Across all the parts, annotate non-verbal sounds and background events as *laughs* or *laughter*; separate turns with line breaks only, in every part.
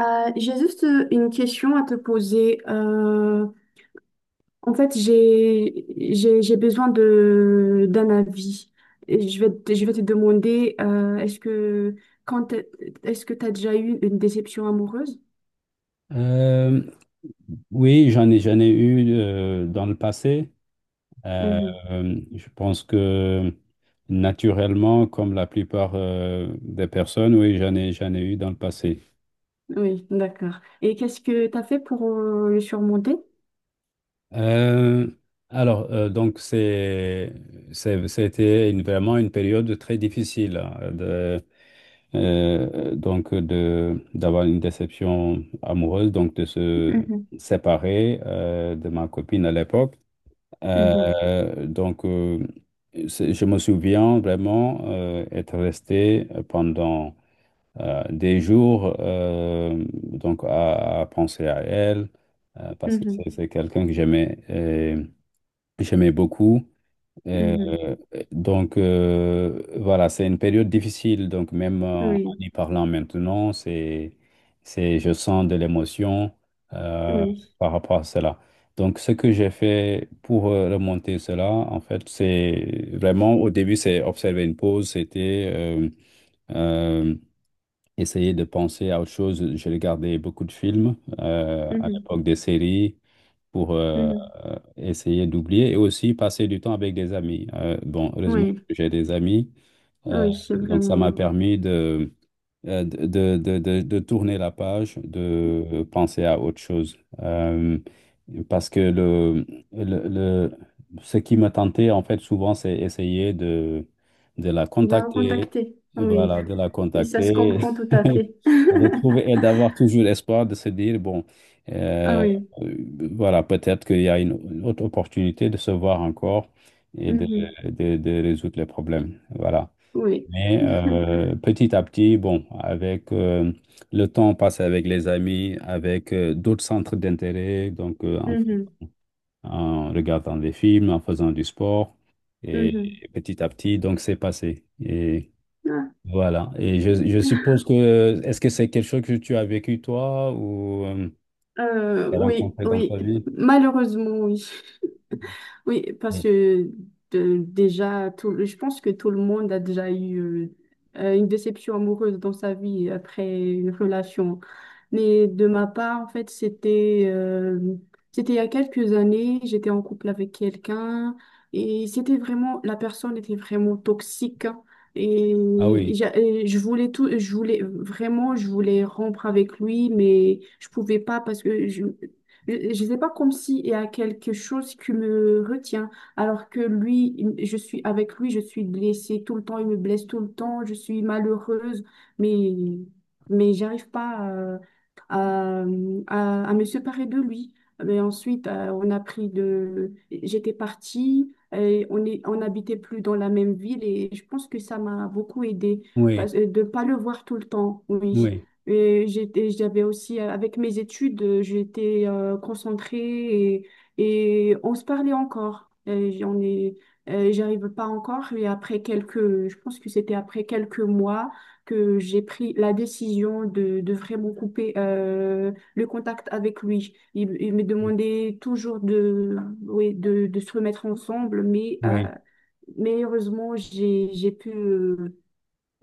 J'ai juste une question à te poser. En fait, j'ai besoin d'un avis. Et je vais te demander, quand t'es- est-ce que tu as déjà eu une déception amoureuse?
Euh, oui, j'en ai eu dans le passé. Euh,
Mhm.
je pense que naturellement, comme la plupart des personnes, oui, j'en ai eu dans le passé.
Oui, d'accord. Et qu'est-ce que tu as fait pour le surmonter?
Euh, alors, euh, donc, c'est, Vraiment une période très difficile, hein, de d'avoir une déception amoureuse, donc de se
Mhm,
séparer de ma copine à l'époque.
mhm,
Euh, donc, euh, je me souviens vraiment être resté pendant des jours donc à penser à elle parce que
mhm,
c'est quelqu'un que j'aimais beaucoup. Euh,
mhm.
voilà, c'est une période difficile. Donc même en, en
Oui,
y parlant maintenant, c'est, je sens de l'émotion euh,
oui.
par rapport à cela. Donc ce que j'ai fait pour remonter cela, en fait, c'est vraiment au début, c'est observer une pause, c'était euh, essayer de penser à autre chose. J'ai regardé beaucoup de films à
Mhm,
l'époque des séries pour
mhm.
essayer d'oublier et aussi passer du temps avec des amis. Bon, heureusement
Oui,
que j'ai des amis, euh,
oui, c'est
donc ça m'a
vraiment.
permis de tourner la page, de penser à autre chose. Parce que le, le- ce qui me tentait, en fait, souvent, c'est essayer de la
Il a
contacter,
contacté. Oui,
voilà, de la
oui, ça se
contacter,
comprend tout
*laughs*
à
et
fait. *laughs*
de trouver, et d'avoir toujours espoir de se dire,
Ah
euh,
oui.
voilà, peut-être qu'il y a une autre opportunité de se voir encore et de,
Mhm.
de, de résoudre les problèmes. Voilà.
Oui.
Mais
*laughs*
petit à petit, bon, avec le temps passé avec les amis, avec d'autres centres d'intérêt,
Mhm.
en regardant des films, en faisant du sport, et
Mhm.
petit à petit, donc c'est passé. Et
Ah.
voilà. Et je suppose que, est-ce que c'est quelque chose que tu as vécu toi ou tu as
Oui,
rencontré dans ta
oui,
vie?
malheureusement, oui. Oui, parce
Oui.
que déjà, je pense que tout le monde a déjà eu une déception amoureuse dans sa vie après une relation. Mais de ma part, en fait, c'était il y a quelques années, j'étais en couple avec quelqu'un et c'était vraiment, la personne était vraiment toxique, hein. Et,
Ah oui,
et je voulais rompre avec lui, mais je pouvais pas parce que je sais pas, comme si il y a quelque chose qui me retient, alors que lui, je suis avec lui, je suis blessée tout le temps, il me blesse tout le temps, je suis malheureuse, mais j'arrive pas à me séparer de lui. Mais ensuite, on a pris de... J'étais partie, et on n'habitait plus dans la même ville et je pense que ça m'a beaucoup aidée
oui,
de ne pas le voir tout le temps, oui.
oui,
J'avais aussi, avec mes études, j'étais concentrée, et on se parlait encore. J'arrive pas encore, mais je pense que c'était après quelques mois que j'ai pris la décision de vraiment couper le contact avec lui. Il me demandait toujours oui, de se remettre ensemble,
oui,
mais heureusement, j'ai pu,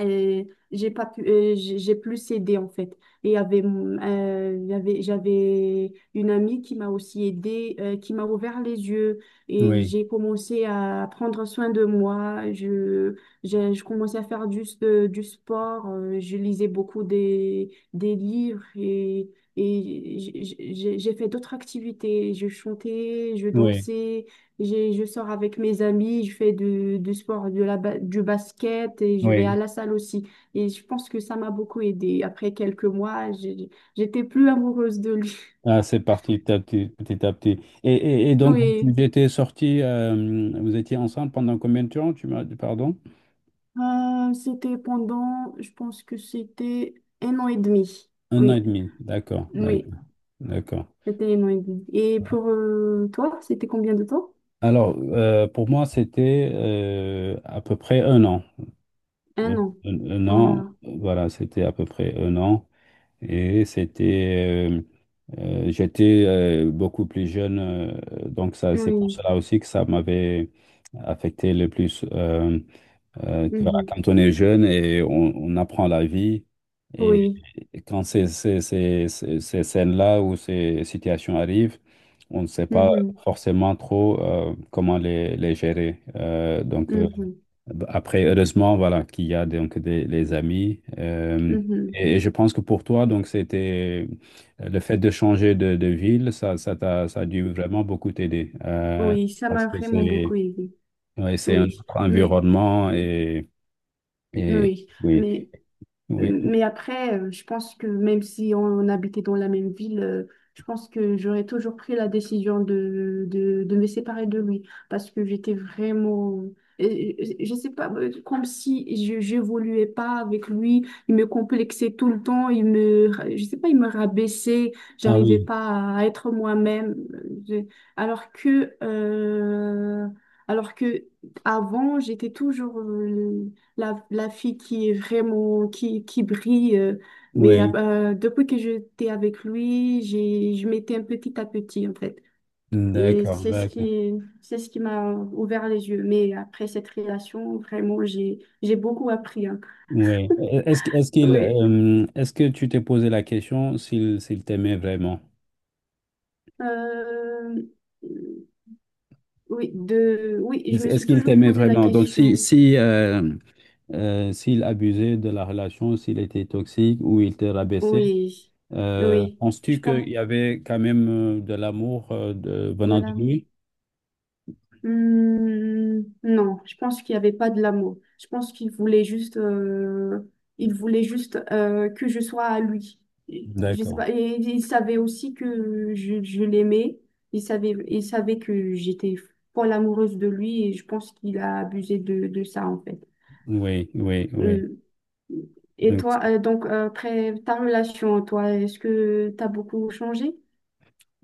et j'ai pas pu, j'ai plus aidé en fait. J'avais une amie qui m'a aussi aidée, qui m'a ouvert les yeux et
oui,
j'ai commencé à prendre soin de moi. Je commençais à faire du sport, je lisais beaucoup des livres, et j'ai fait d'autres activités. Je chantais, je
oui, oui,
dansais. Je sors avec mes amis, je fais du sport, du basket et je vais à
oui.
la salle aussi. Et je pense que ça m'a beaucoup aidée. Après quelques mois, j'étais plus amoureuse de lui. *laughs*
Ah, c'est parti petit à petit, petit à petit. Et et donc,
Oui.
vous étiez ensemble pendant combien de temps, tu m'as dit, pardon?
Je pense que c'était un an et demi.
Un an et
Oui,
demi, d'accord,
oui,
d'accord, d'accord.
c'était un an et demi. Et pour toi, c'était combien de temps?
Alors, pour moi, c'était à peu près un an.
Un
Un,
an.
un an,
Ah,
voilà, c'était à peu près un an. Et c'était, j'étais beaucoup plus jeune, donc ça, c'est pour
oui,
cela aussi que ça m'avait affecté le plus. Tu vois,
mhm.
quand on est jeune et on apprend la vie, et,
Oui,
et quand ces scènes-là ou ces situations arrivent, on ne sait pas
mhm.
forcément trop comment les gérer.
Mhm.
Après, heureusement, voilà, qu'il y a les amis. Euh,
Mhm.
et, et, je pense que pour toi, donc, c'était le fait de changer de ville, ça ça a dû vraiment beaucoup t'aider.
Oui, ça
Parce
m'a
que
vraiment beaucoup aidée.
ouais, c'est un
Oui,
autre
mais.
environnement et. Et
Oui,
oui,
mais,
oui.
après, je pense que même si on habitait dans la même ville, je pense que j'aurais toujours pris la décision de me séparer de lui parce que j'étais vraiment, je sais pas, comme si je j'évoluais pas avec lui, il me complexait tout le temps, je sais pas, il me rabaissait,
Ah
j'arrivais
oui,
pas à être moi-même, alors que, euh, alors que avant, j'étais toujours, la fille qui est vraiment, qui brille.
oui.
Depuis que j'étais avec lui, je m'étais un petit à petit, en fait. Et
D'accord,
c'est ce
d'accord.
qui, c'est ce qui m'a ouvert les yeux. Mais après cette relation, vraiment, j'ai beaucoup appris, hein.
Oui. Est-ce qu'il,
Oui.
euh, est-ce que tu t'es posé la question s'il, s'il t'aimait vraiment?
Euh, oui, je me
Est-ce
suis
qu'il
toujours
t'aimait
posé la
vraiment? Donc, si,
question.
si, euh, euh, s'il abusait de la relation, s'il était toxique ou il te rabaissait,
Oui, oui, je
penses-tu qu'il
pense
y avait quand même de l'amour
de
venant de
là.
lui?
Hmm, non, je pense qu'il n'y avait pas de l'amour. Je pense qu'il voulait juste, que je sois à lui. Je sais
D'accord.
pas. Et il savait aussi que je l'aimais. Il savait que j'étais folle amoureuse de lui et je pense qu'il a abusé de ça en fait.
Oui, oui,
Hmm. Et
oui.
toi, donc après ta relation, toi, est-ce que tu as beaucoup changé?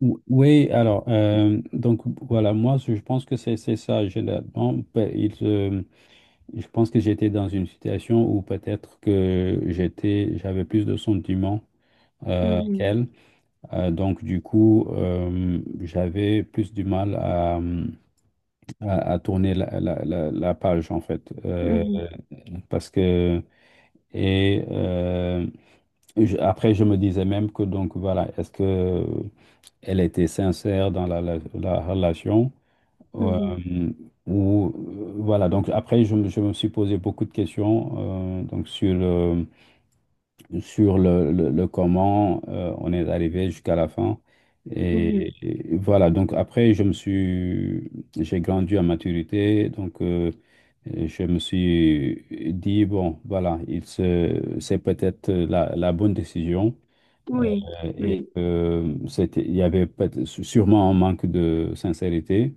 Ou- Oui, alors, voilà, moi, je pense que c'est ça. J'ai la- bon, pe- je pense que j'étais dans une situation où peut-être que j'avais plus de sentiments
Mhm,
qu'elle. Donc, du coup, j'avais plus du mal à tourner la page, en fait.
mhm,
Parce que, et je- Après, je me disais même que, donc, voilà, est-ce que elle était sincère dans la relation.
mhm,
euh, ou, voilà, donc après, je me suis posé beaucoup de questions donc sur le comment on est arrivé jusqu'à la fin.
mhm.
Et voilà, donc après, j'ai grandi en maturité, et je me suis dit, bon, voilà, il se, c'est peut-être la bonne décision. Euh,
Oui,
Et
oui.
euh, c'était, il y avait peut- sûrement un manque de sincérité.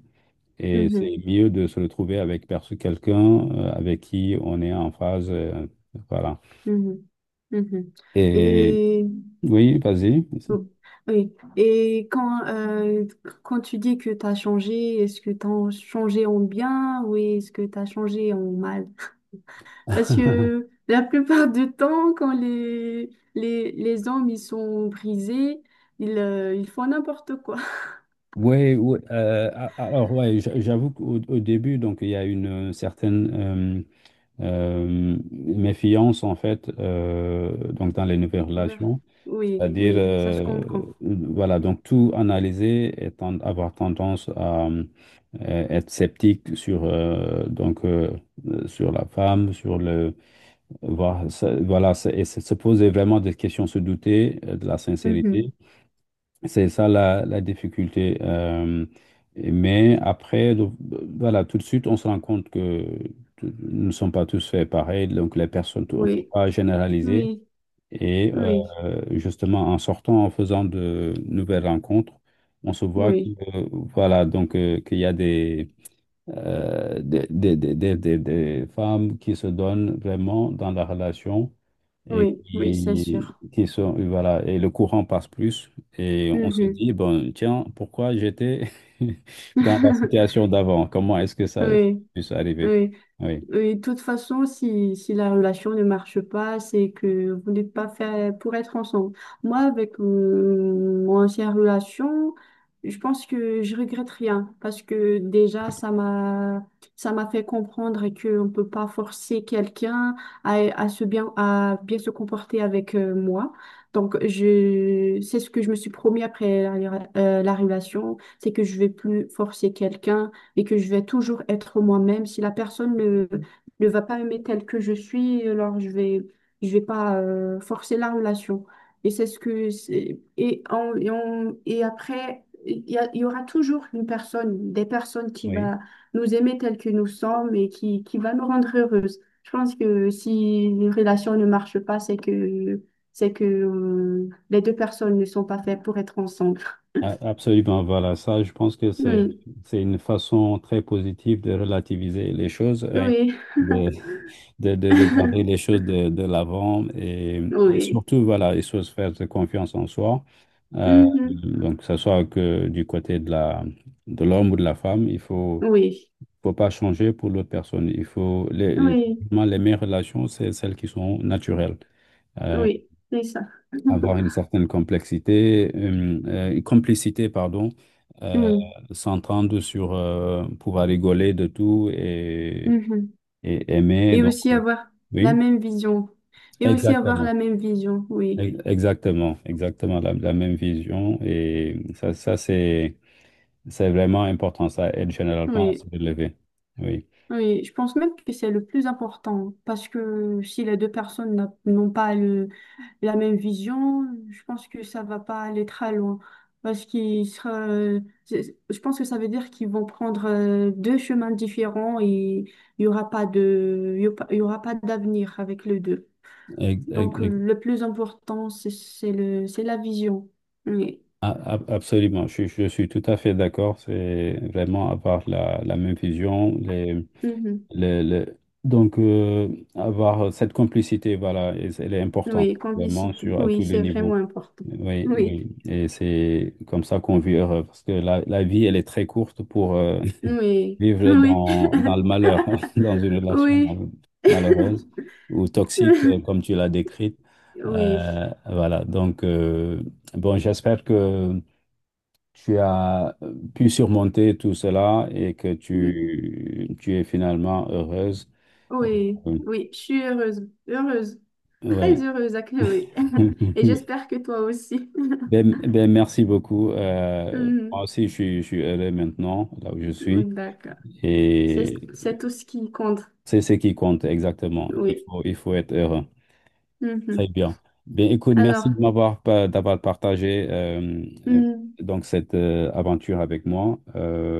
Et
Mhm.
c'est mieux de se retrouver avec perso- quelqu'un avec qui on est en phase. Voilà.
Mhm. Mhm.
Et
Et
oui, vas-y.
bon, oui. Quand tu dis que tu as changé, est-ce que tu as changé en bien ou est-ce que tu as changé en mal? Parce que
*laughs*
la plupart du temps, quand les hommes ils sont brisés, ils font n'importe quoi.
Oui, oui, alors ouais, j'a- j'avoue qu'au au début, donc il y a une certaine méfiance, en fait, donc dans les nouvelles
Envers-
relations.
Oui,
C'est-à-dire,
oui, ça se comprend.
voilà, donc tout analyser et ten- avoir tendance à être sceptique sur, sur la femme, sur le. Voir, ça- voilà, c'est- et se poser vraiment des questions, se douter de la sincérité.
Mhm.
C'est ça la, la difficulté. Mais après, donc, voilà, tout de suite, on se rend compte que t- nous ne sommes pas tous faits pareil. Donc, les personnes, tout- on ne peut
Oui,
pas généraliser.
oui,
Et
oui,
justement, en sortant, en faisant de nouvelles rencontres, on se voit que,
oui,
euh, voilà, qu'il y a des, des femmes qui se donnent vraiment dans la relation et
oui, oui, c'est sûr.
qui sont, et voilà, et le courant passe plus. Et on se
Mhm.
dit, bon, tiens, pourquoi j'étais *laughs* dans la
*laughs*
situation d'avant? Comment est-ce que ça
Oui,
puisse arriver?
oui.
Oui,
Et de toute façon, si la relation ne marche pas, c'est que vous n'êtes pas fait pour être ensemble. Moi, avec mon ancienne relation, je pense que je regrette rien parce que déjà, ça m'a fait comprendre qu'on ne peut pas forcer quelqu'un à bien se comporter avec moi. Donc, c'est ce que je me suis promis après la relation, c'est que je vais plus forcer quelqu'un et que je vais toujours être moi-même. Si la personne ne va pas aimer tel que je suis, alors je vais pas forcer la relation. Et c'est ce que c'est- Et après, il y aura toujours une personne, des personnes qui
oui,
va nous aimer tel que nous sommes et qui va nous rendre heureuses. Je pense que si une relation ne marche pas, c'est que les deux personnes ne sont pas faites pour être ensemble.
a- absolument. Voilà, ça, je pense que
Oui,
c'est une façon très positive de relativiser les choses, hein,
oui,
de regarder les
*laughs*
choses de l'avant et
oui.
surtout, voilà, il faut se faire de confiance en soi.
Mhm.
Donc, que ce soit que du côté de de l'homme ou de la femme, il faut,
Oui,
faut pas changer pour l'autre personne. Il faut, les,
oui,
vraiment, les meilleures relations, c'est celles qui sont naturelles. Euh,
oui, c'est ça.
Avoir
*laughs*
une certaine complexité, complicité, pardon, euh,
Oui,
s'entendre sur pouvoir rigoler de tout
mhm.
et aimer.
Et aussi avoir la
Oui,
même vision. Et aussi avoir
exactement.
la même vision, oui.
Ex- Exactement, exactement la même vision. Et ça, c'est vraiment important. Ça aide généralement à se
Oui,
relever. Oui.
oui. Je pense même que c'est le plus important parce que si les deux personnes n'ont pas la même vision, je pense que ça va pas aller très loin. Parce qu'ils sera, c'est- Je pense que ça veut dire qu'ils vont prendre deux chemins différents et il y aura pas d'avenir avec les deux.
Ex- ex-
Donc,
ex-
le plus important, c'est la vision. Oui.
a- a- absolument. Je suis tout à fait d'accord. C'est vraiment avoir la même vision.
Mhm.
Les- Donc, euh, Avoir cette complicité, voilà, et c'est- elle est importante,
Oui,
vraiment,
complicité.
sur, à
Oui,
tous les
c'est vraiment
niveaux.
important.
Oui,
Oui,
oui. Et c'est comme ça qu'on vit heureux. Parce que la vie, elle est très courte pour
oui,
vivre
oui,
dans le
*laughs*
malheur, *laughs* dans une relation
oui,
malheureuse
*laughs*
ou toxique, comme tu l'as décrite.
oui,
Euh, voilà, donc, euh, bon, j'espère que tu as pu surmonter tout cela et que tu es finalement heureuse.
oui,
Euh,
oui. Je suis heureuse, heureuse, très
ouais.
heureuse à oui. *laughs* Et
*laughs*
j'espère que toi aussi. *laughs*
Ben, ben, merci beaucoup. Moi
Mhm.
aussi, je suis heureux maintenant, là où je
Oui,
suis.
d'accord.
Et
C'est tout ce qui compte.
c'est ce qui compte exactement.
Oui.
Il faut être heureux. Très
Mhm.
bien. Bien, écoute, merci
Alors,
de m'avoir pa- d'avoir partagé
mhm,
donc cette aventure avec moi.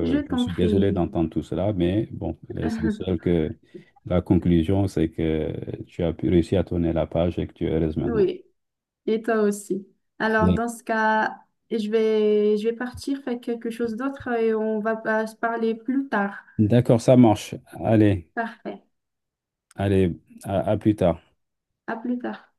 je
Je
t'en
suis désolé
prie.
d'entendre tout cela, mais bon,
*laughs*
l'essentiel que la conclusion, c'est que tu as pu réussir à tourner la page et que tu es heureuse maintenant.
Oui. Et toi aussi. Alors,
Allez.
dans ce cas, je vais partir faire quelque chose d'autre et on va pas se parler plus tard.
D'accord, ça marche. Allez,
Parfait.
allez, à plus tard.
À plus tard.